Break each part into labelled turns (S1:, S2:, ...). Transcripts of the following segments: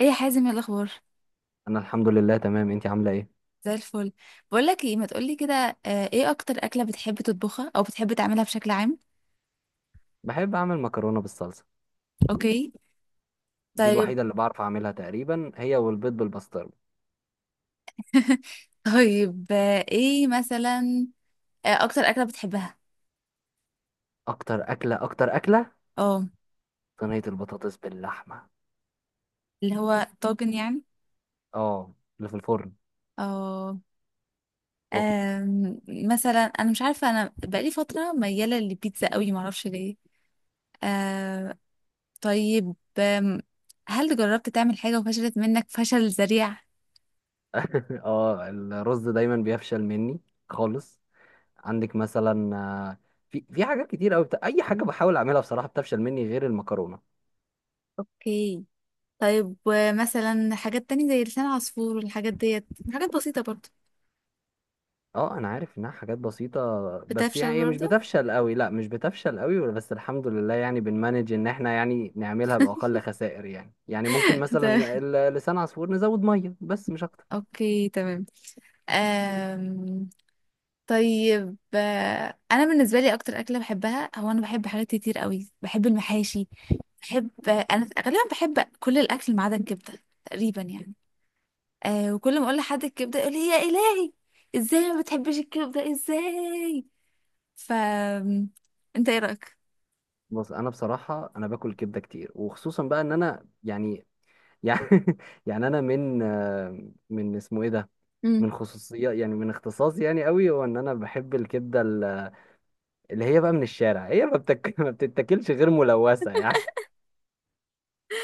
S1: ايه يا حازم، ايه الاخبار؟
S2: انا الحمد لله تمام، انتي عامله ايه؟
S1: زي الفل. بقول لك ايه، ما تقولي كده. ايه اكتر اكله بتحب تطبخها او بتحب تعملها بشكل عام؟
S2: بحب اعمل مكرونه بالصلصه.
S1: اوكي.
S2: دي
S1: طيب.
S2: الوحيده اللي بعرف اعملها تقريبا، هي والبيض بالبسطرمه.
S1: طيب، ايه مثلا؟ اكتر اكله بتحبها؟
S2: اكتر اكله، اكتر اكله.
S1: اه،
S2: صينيه البطاطس باللحمه.
S1: اللي هو طاجن يعني.
S2: اه، اللي في الفرن.
S1: اه.
S2: اوف.
S1: مثلا انا مش عارفه، انا بقالي فتره مياله للبيتزا قوي، ما اعرفش ليه. آه، طيب. هل جربت تعمل حاجه وفشلت منك فشل ذريع؟
S2: اه، الرز دايما بيفشل مني خالص. عندك مثلا في حاجات كتير قوي، اي حاجه بحاول اعملها بصراحه بتفشل مني غير المكرونه.
S1: اوكي. طيب، ومثلا حاجات تانية زي لسان عصفور والحاجات ديت، حاجات بسيطة برضه،
S2: اه، انا عارف انها حاجات بسيطة. بس يعني
S1: بتفشل
S2: هي مش
S1: برضه؟
S2: بتفشل قوي، لا مش بتفشل قوي، بس الحمد لله يعني بنمانج ان احنا يعني نعملها بأقل خسائر، يعني ممكن
S1: تمام.
S2: مثلا لسان عصفور نزود مية بس مش اكتر.
S1: اوكي، تمام. أم... طيب، انا بالنسبه لي اكتر اكله بحبها هو، انا بحب حاجات كتير قوي، بحب المحاشي، بحب، انا غالبا بحب كل الاكل ما عدا الكبده تقريبا يعني. أه، وكل ما اقول لحد الكبده يقول لي يا الهي، ازاي ما بتحبش الكبده؟ ازاي؟ ف، انت ايه رايك؟
S2: بص، انا بصراحة انا باكل كبدة كتير، وخصوصا بقى ان انا يعني. يعني انا من اسمه ايه ده، من خصوصيات، يعني من اختصاصي يعني قوي، هو ان انا بحب الكبدة اللي هي بقى من الشارع، هي ما بتك... ما بتتاكلش غير ملوثة يعني.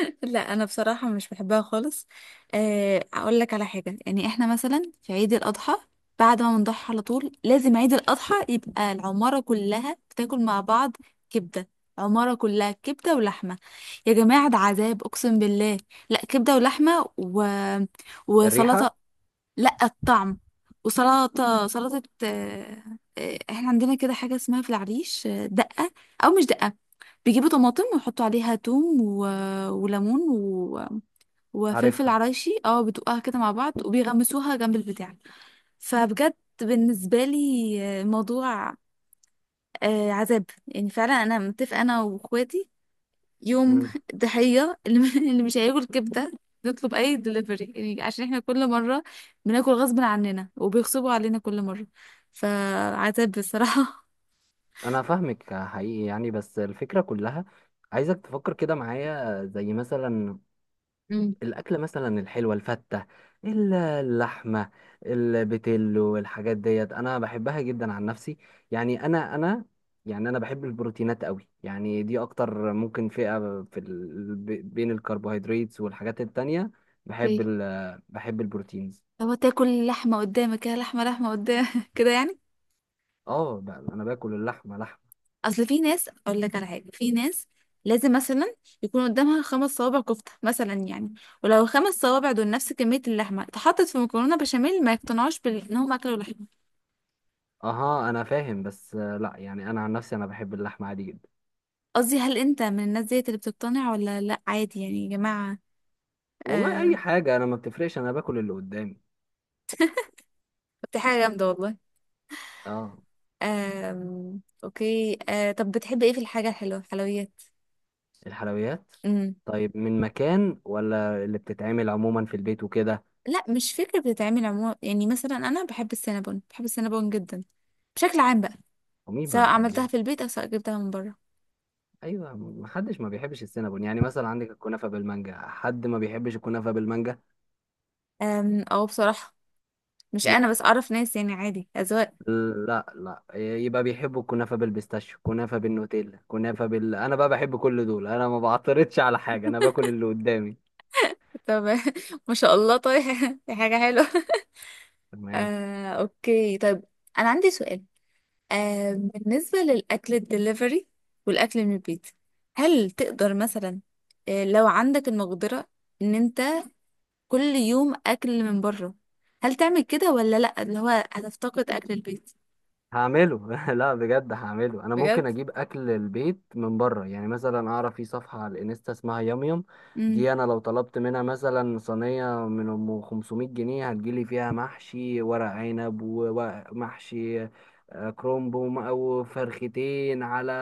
S1: لا انا بصراحه مش بحبها خالص. اقول لك على حاجه، يعني احنا مثلا في عيد الاضحى، بعد ما بنضحي على طول لازم عيد الاضحى يبقى العماره كلها بتاكل مع بعض كبده. عماره كلها كبده ولحمه. يا جماعه، ده عذاب اقسم بالله. لا كبده ولحمه و...
S2: الريحة.
S1: وسلطه. لا الطعم. وسلطة احنا عندنا كده حاجة اسمها في العريش دقة، أو مش دقة. بيجيبوا طماطم ويحطوا عليها توم و... وليمون و... وفلفل
S2: عارفها.
S1: عرايشي، اه، بتوقها كده مع بعض وبيغمسوها جنب البتاع. فبجد، بالنسبة لي الموضوع عذاب يعني فعلا. أنا متفقة أنا وأخواتي، يوم ضحية اللي اللي مش هياكل كبدة نطلب أي دليفري، يعني عشان احنا كل مرة بناكل غصب عننا وبيغصبوا علينا كل مرة. فعتاب بصراحة.
S2: انا فاهمك حقيقي يعني، بس الفكره كلها عايزك تفكر كده معايا. زي مثلا
S1: امم.
S2: الاكل، مثلا الحلوه، الفته، اللحمه، البتلو، والحاجات ديت انا بحبها جدا عن نفسي. يعني انا. يعني انا بحب البروتينات قوي، يعني دي اكتر ممكن فئه في ال... ب- بين الكربوهيدرات والحاجات التانية.
S1: اوكي.
S2: بحب البروتينز.
S1: هو تاكل لحمة قدامك كده لحمة قدام كده يعني؟
S2: اه، انا باكل اللحمه لحمه.
S1: أصل في ناس، أقول لك على حاجة، في ناس لازم مثلا يكون قدامها خمس صوابع كفتة مثلا يعني، ولو الخمس صوابع دول نفس كمية اللحمة اتحطت في مكرونة بشاميل ما يقتنعوش بإن هم أكلوا لحمة.
S2: اها، انا فاهم بس، لا يعني انا عن نفسي انا بحب اللحمه عادي جدا.
S1: قصدي هل انت من الناس ديت اللي بتقتنع ولا لا عادي يعني يا جماعة؟
S2: والله، اي
S1: آه.
S2: حاجه، انا ما بتفرقش، انا باكل اللي قدامي.
S1: طب دي حاجة جامدة والله.
S2: اه،
S1: اوكي. آه، طب بتحب ايه في الحاجة الحلوة، حلويات؟
S2: الحلويات.
S1: امم.
S2: طيب، من مكان ولا اللي بتتعمل عموما في البيت وكده؟
S1: لا مش فكرة بتتعمل عموما، يعني مثلا انا بحب السينابون، بحب السينابون جدا بشكل عام بقى،
S2: ومين ما
S1: سواء عملتها
S2: بيحبوش؟
S1: في البيت او سواء جبتها من بره.
S2: ايوه، ما حدش ما بيحبش السينابون، يعني مثلا عندك الكنافه بالمانجا، حد ما بيحبش الكنافه بالمانجا؟
S1: او بصراحة، مش
S2: م-
S1: انا بس، اعرف ناس يعني عادي، اذواق.
S2: لا، لا، يبقى بيحبوا الكنافه بالبيستاشيو، كنافه بالنوتيلا، كنافه بال، انا بقى بحب كل دول، انا ما بعترضش على حاجه، انا باكل اللي قدامي.
S1: طب ما شاء الله، طيب دي حاجة حلوة.
S2: تمام.
S1: اوكي، طيب. انا عندي سؤال، آه، بالنسبة للأكل الدليفري والأكل من البيت، هل تقدر مثلا، آه، لو عندك المقدرة إن أنت كل يوم أكل من بره، هل تعمل كده ولا لأ، اللي هو هتفتقد أكل البيت؟
S2: هعمله. لا بجد، هعمله. انا
S1: بجد؟
S2: ممكن اجيب اكل البيت من بره، يعني مثلا اعرف في صفحه على الانستا اسمها يام يام.
S1: امم.
S2: دي انا لو طلبت منها مثلا صينيه من 500 جنيه، هتجيلي فيها محشي ورق عنب ومحشي كرومب او فرختين على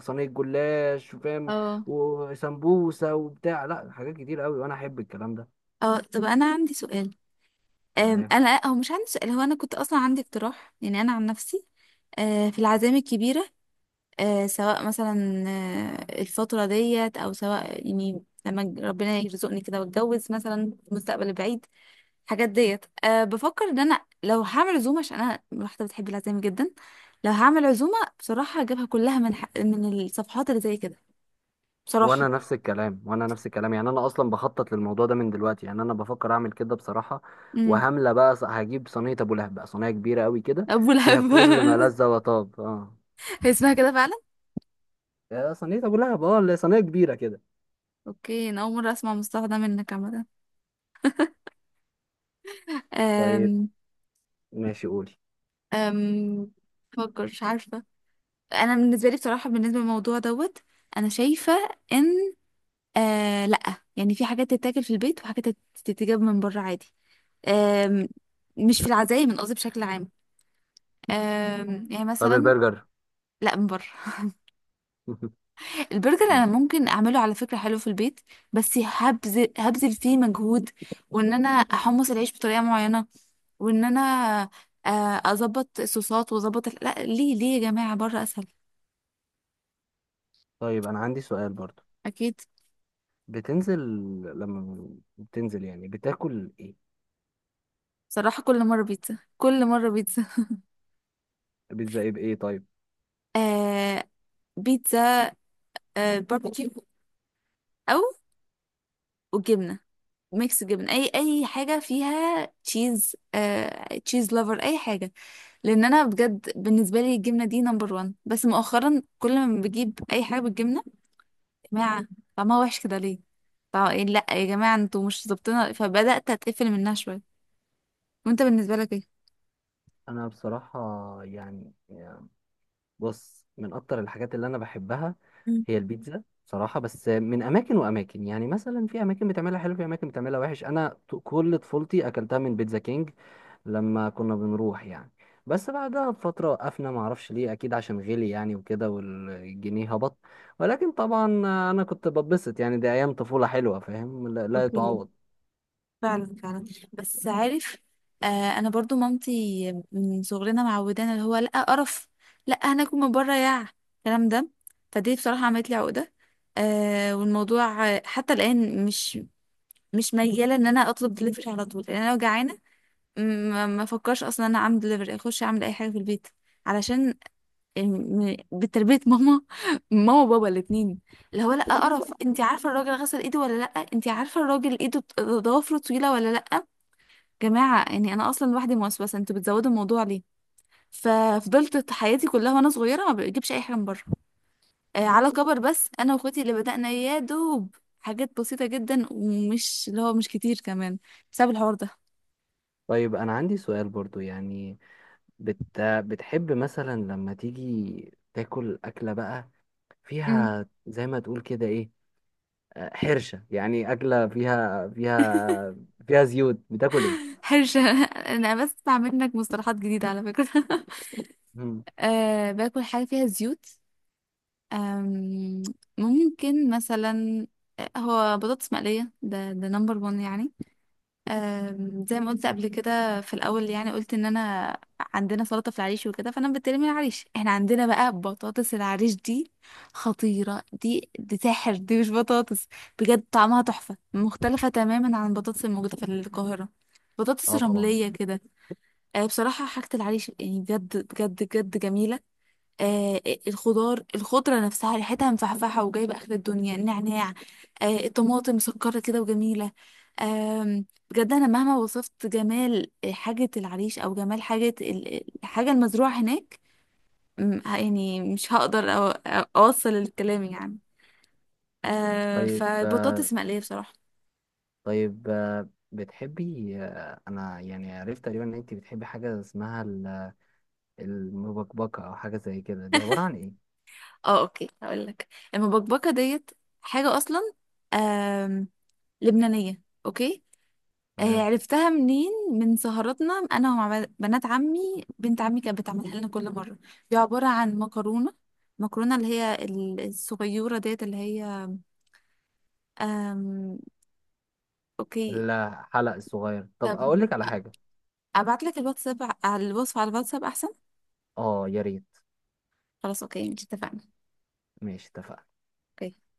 S2: صينيه جلاش، فاهم؟
S1: اه.
S2: وسمبوسه وبتاع، لا حاجات كتير قوي، وانا احب الكلام
S1: اه، طب أنا عندي سؤال.
S2: ده.
S1: أنا هو مش عندي سؤال، هو أنا كنت أصلا عندي اقتراح، يعني أنا عن نفسي آه في العزايم الكبيرة، سواء مثلا الفترة ديت أو سواء يعني لما ربنا يرزقني كده واتجوز مثلا في المستقبل البعيد. الحاجات ديت، أه بفكر ان انا لو هعمل عزومه، عشان انا واحده بتحب العزايم جدا، لو هعمل عزومه بصراحه هجيبها كلها من من الصفحات اللي زي كده، بصراحه.
S2: وانا نفس الكلام، وانا نفس الكلام، يعني انا اصلا بخطط للموضوع ده من دلوقتي، يعني انا بفكر اعمل كده بصراحه.
S1: امم.
S2: وهملة بقى هجيب صينيه ابو لهب، بقى صينيه كبيره قوي كده،
S1: ابو
S2: فيها
S1: لهب.
S2: كل ما لذ وطاب، اه.
S1: هي اسمها كده فعلا؟
S2: يا صينيه ابو لهب، اه، اللي هي صينيه كبيره كده.
S1: اوكي، انا اول مره اسمع مصطلح ده منك عامه.
S2: طيب،
S1: أم...
S2: ماشي، قولي.
S1: أم... بفكر، مش عارفه. انا بالنسبه لي بصراحه، بالنسبه للموضوع دوت، انا شايفه ان، آه، لا، يعني في حاجات تتاكل في البيت وحاجات تتجاب من بره عادي. آم، مش في العزايم، من قصدي بشكل عام. يعني
S2: طب
S1: مثلا،
S2: البرجر؟
S1: لا من بره. البرجر انا
S2: ماشي.
S1: ممكن اعمله على فكره حلو في البيت، بس هبذل فيه مجهود، وان انا احمص العيش بطريقه معينه، وان انا اظبط الصوصات واظبط لا، ليه يا جماعه؟ بره اسهل.
S2: طيب، انا عندي سؤال برضو.
S1: اكيد.
S2: بتنزل لما بتنزل يعني بتاكل ايه؟
S1: بصراحه كل مره بيتزا، كل مره بيتزا.
S2: بيتزا ايه بايه؟ طيب.
S1: آه، بيتزا، آه، باربيكيو، او وجبنه، ميكس جبنه، اي حاجه فيها تشيز، آه، تشيز لوفر، اي حاجه. لان انا بجد بالنسبه لي الجبنه دي نمبر وان، بس مؤخرا كل ما بجيب اي حاجه بالجبنه، يا جماعه طعمها وحش كده، ليه؟ إيه، لا يا جماعه انتوا مش ظابطينها، فبدات اتقفل منها شويه. وانت بالنسبه لك
S2: انا بصراحه، يعني، بص، من اكتر الحاجات اللي انا بحبها
S1: ايه؟
S2: هي البيتزا بصراحة، بس من اماكن واماكن، يعني مثلا في اماكن بتعملها حلو، في اماكن بتعملها وحش. انا كل طفولتي اكلتها من بيتزا كينج، لما كنا بنروح يعني. بس بعدها بفترة وقفنا، معرفش ليه، اكيد عشان غلي يعني وكده، والجنيه هبط. ولكن طبعا، انا كنت ببسط، يعني دي ايام طفولة حلوة، فاهم؟ لا، لا يتعوض.
S1: فعلا، فعلا. بس عارف، آه، انا برضو مامتي من صغرنا معودانا اللي هو، لا قرف، لا هناكل من بره، يا الكلام ده. فدي بصراحه عملت لي عقده. آه، والموضوع حتى الان مش مياله ان انا اطلب دليفري على طول. لان انا لو جعانه ما افكرش اصلا ان انا اعمل دليفري، اخش اعمل اي حاجه في البيت، علشان بتربيه ماما. ماما وبابا الاثنين، اللي هو لا قرف، انت عارفه الراجل غسل ايده ولا لا؟ انت عارفه الراجل ايده ضوافره طويله ولا لا؟ جماعة، يعني أنا أصلا لوحدي موسوسة، أنتوا بتزودوا الموضوع ليه؟ ففضلت حياتي كلها وأنا صغيرة ما بجيبش أي حاجة من بره. آه، على كبر بس أنا وأخواتي اللي بدأنا يا دوب حاجات بسيطة جدا ومش، اللي هو مش كتير كمان، بسبب الحوار ده.
S2: طيب، انا عندي سؤال برضو يعني، بتحب مثلا لما تيجي تاكل أكلة بقى
S1: امم.
S2: فيها زي ما تقول كده ايه، حرشة، يعني أكلة فيها زيوت، بتاكل ايه؟
S1: حرشة. أنا بس بسمع منك مصطلحات جديدة على فكرة.
S2: مم.
S1: آه، باكل حاجة فيها زيوت. آم، ممكن مثلا، هو بطاطس مقلية، ده نمبر 1 يعني. زي ما قلت قبل كده في الاول، يعني قلت ان انا عندنا سلطه في العريش وكده، فانا بتكلم من العريش، احنا عندنا بقى بطاطس العريش دي خطيره، دي دي سحر، دي مش بطاطس، بجد طعمها تحفه، مختلفه تماما عن البطاطس الموجوده في القاهره، بطاطس
S2: اه، طبعا.
S1: رمليه كده. بصراحه حاجه العريش يعني بجد بجد بجد جميله. آه، الخضار، الخضرة نفسها ريحتها مفحفحة وجايبة آخر الدنيا، النعناع، آه، الطماطم مسكرة كده وجميلة. آم، بجد أنا مهما وصفت جمال حاجة العريش أو جمال حاجة الحاجة المزروعة هناك، يعني مش هقدر أوصل الكلام يعني. آه،
S2: طيب،
S1: فبطاطس مقلية بصراحة.
S2: بتحبي انا يعني عرفت تقريبا ان انت بتحبي حاجة اسمها المبكبكة، او حاجة زي كده، دي عبارة عن ايه؟
S1: اه، اوكي هقول لك، المبكبكه ديت حاجه اصلا، آم لبنانيه، اوكي.
S2: تمام.
S1: عرفتها منين، من سهراتنا انا ومع بنات عمي، بنت عمي كانت بتعملها لنا كل مره. دي عباره عن مكرونه، اللي هي الصغيره ديت اللي هي، أم... اوكي.
S2: الحلق الصغير. طب
S1: طب
S2: اقول لك على حاجة.
S1: ابعت لك الواتساب على الوصفه، على الواتساب احسن.
S2: اه، يا ريت.
S1: خلاص، اوكي، مش اتفقنا.
S2: ماشي، اتفقنا.
S1: اوكي.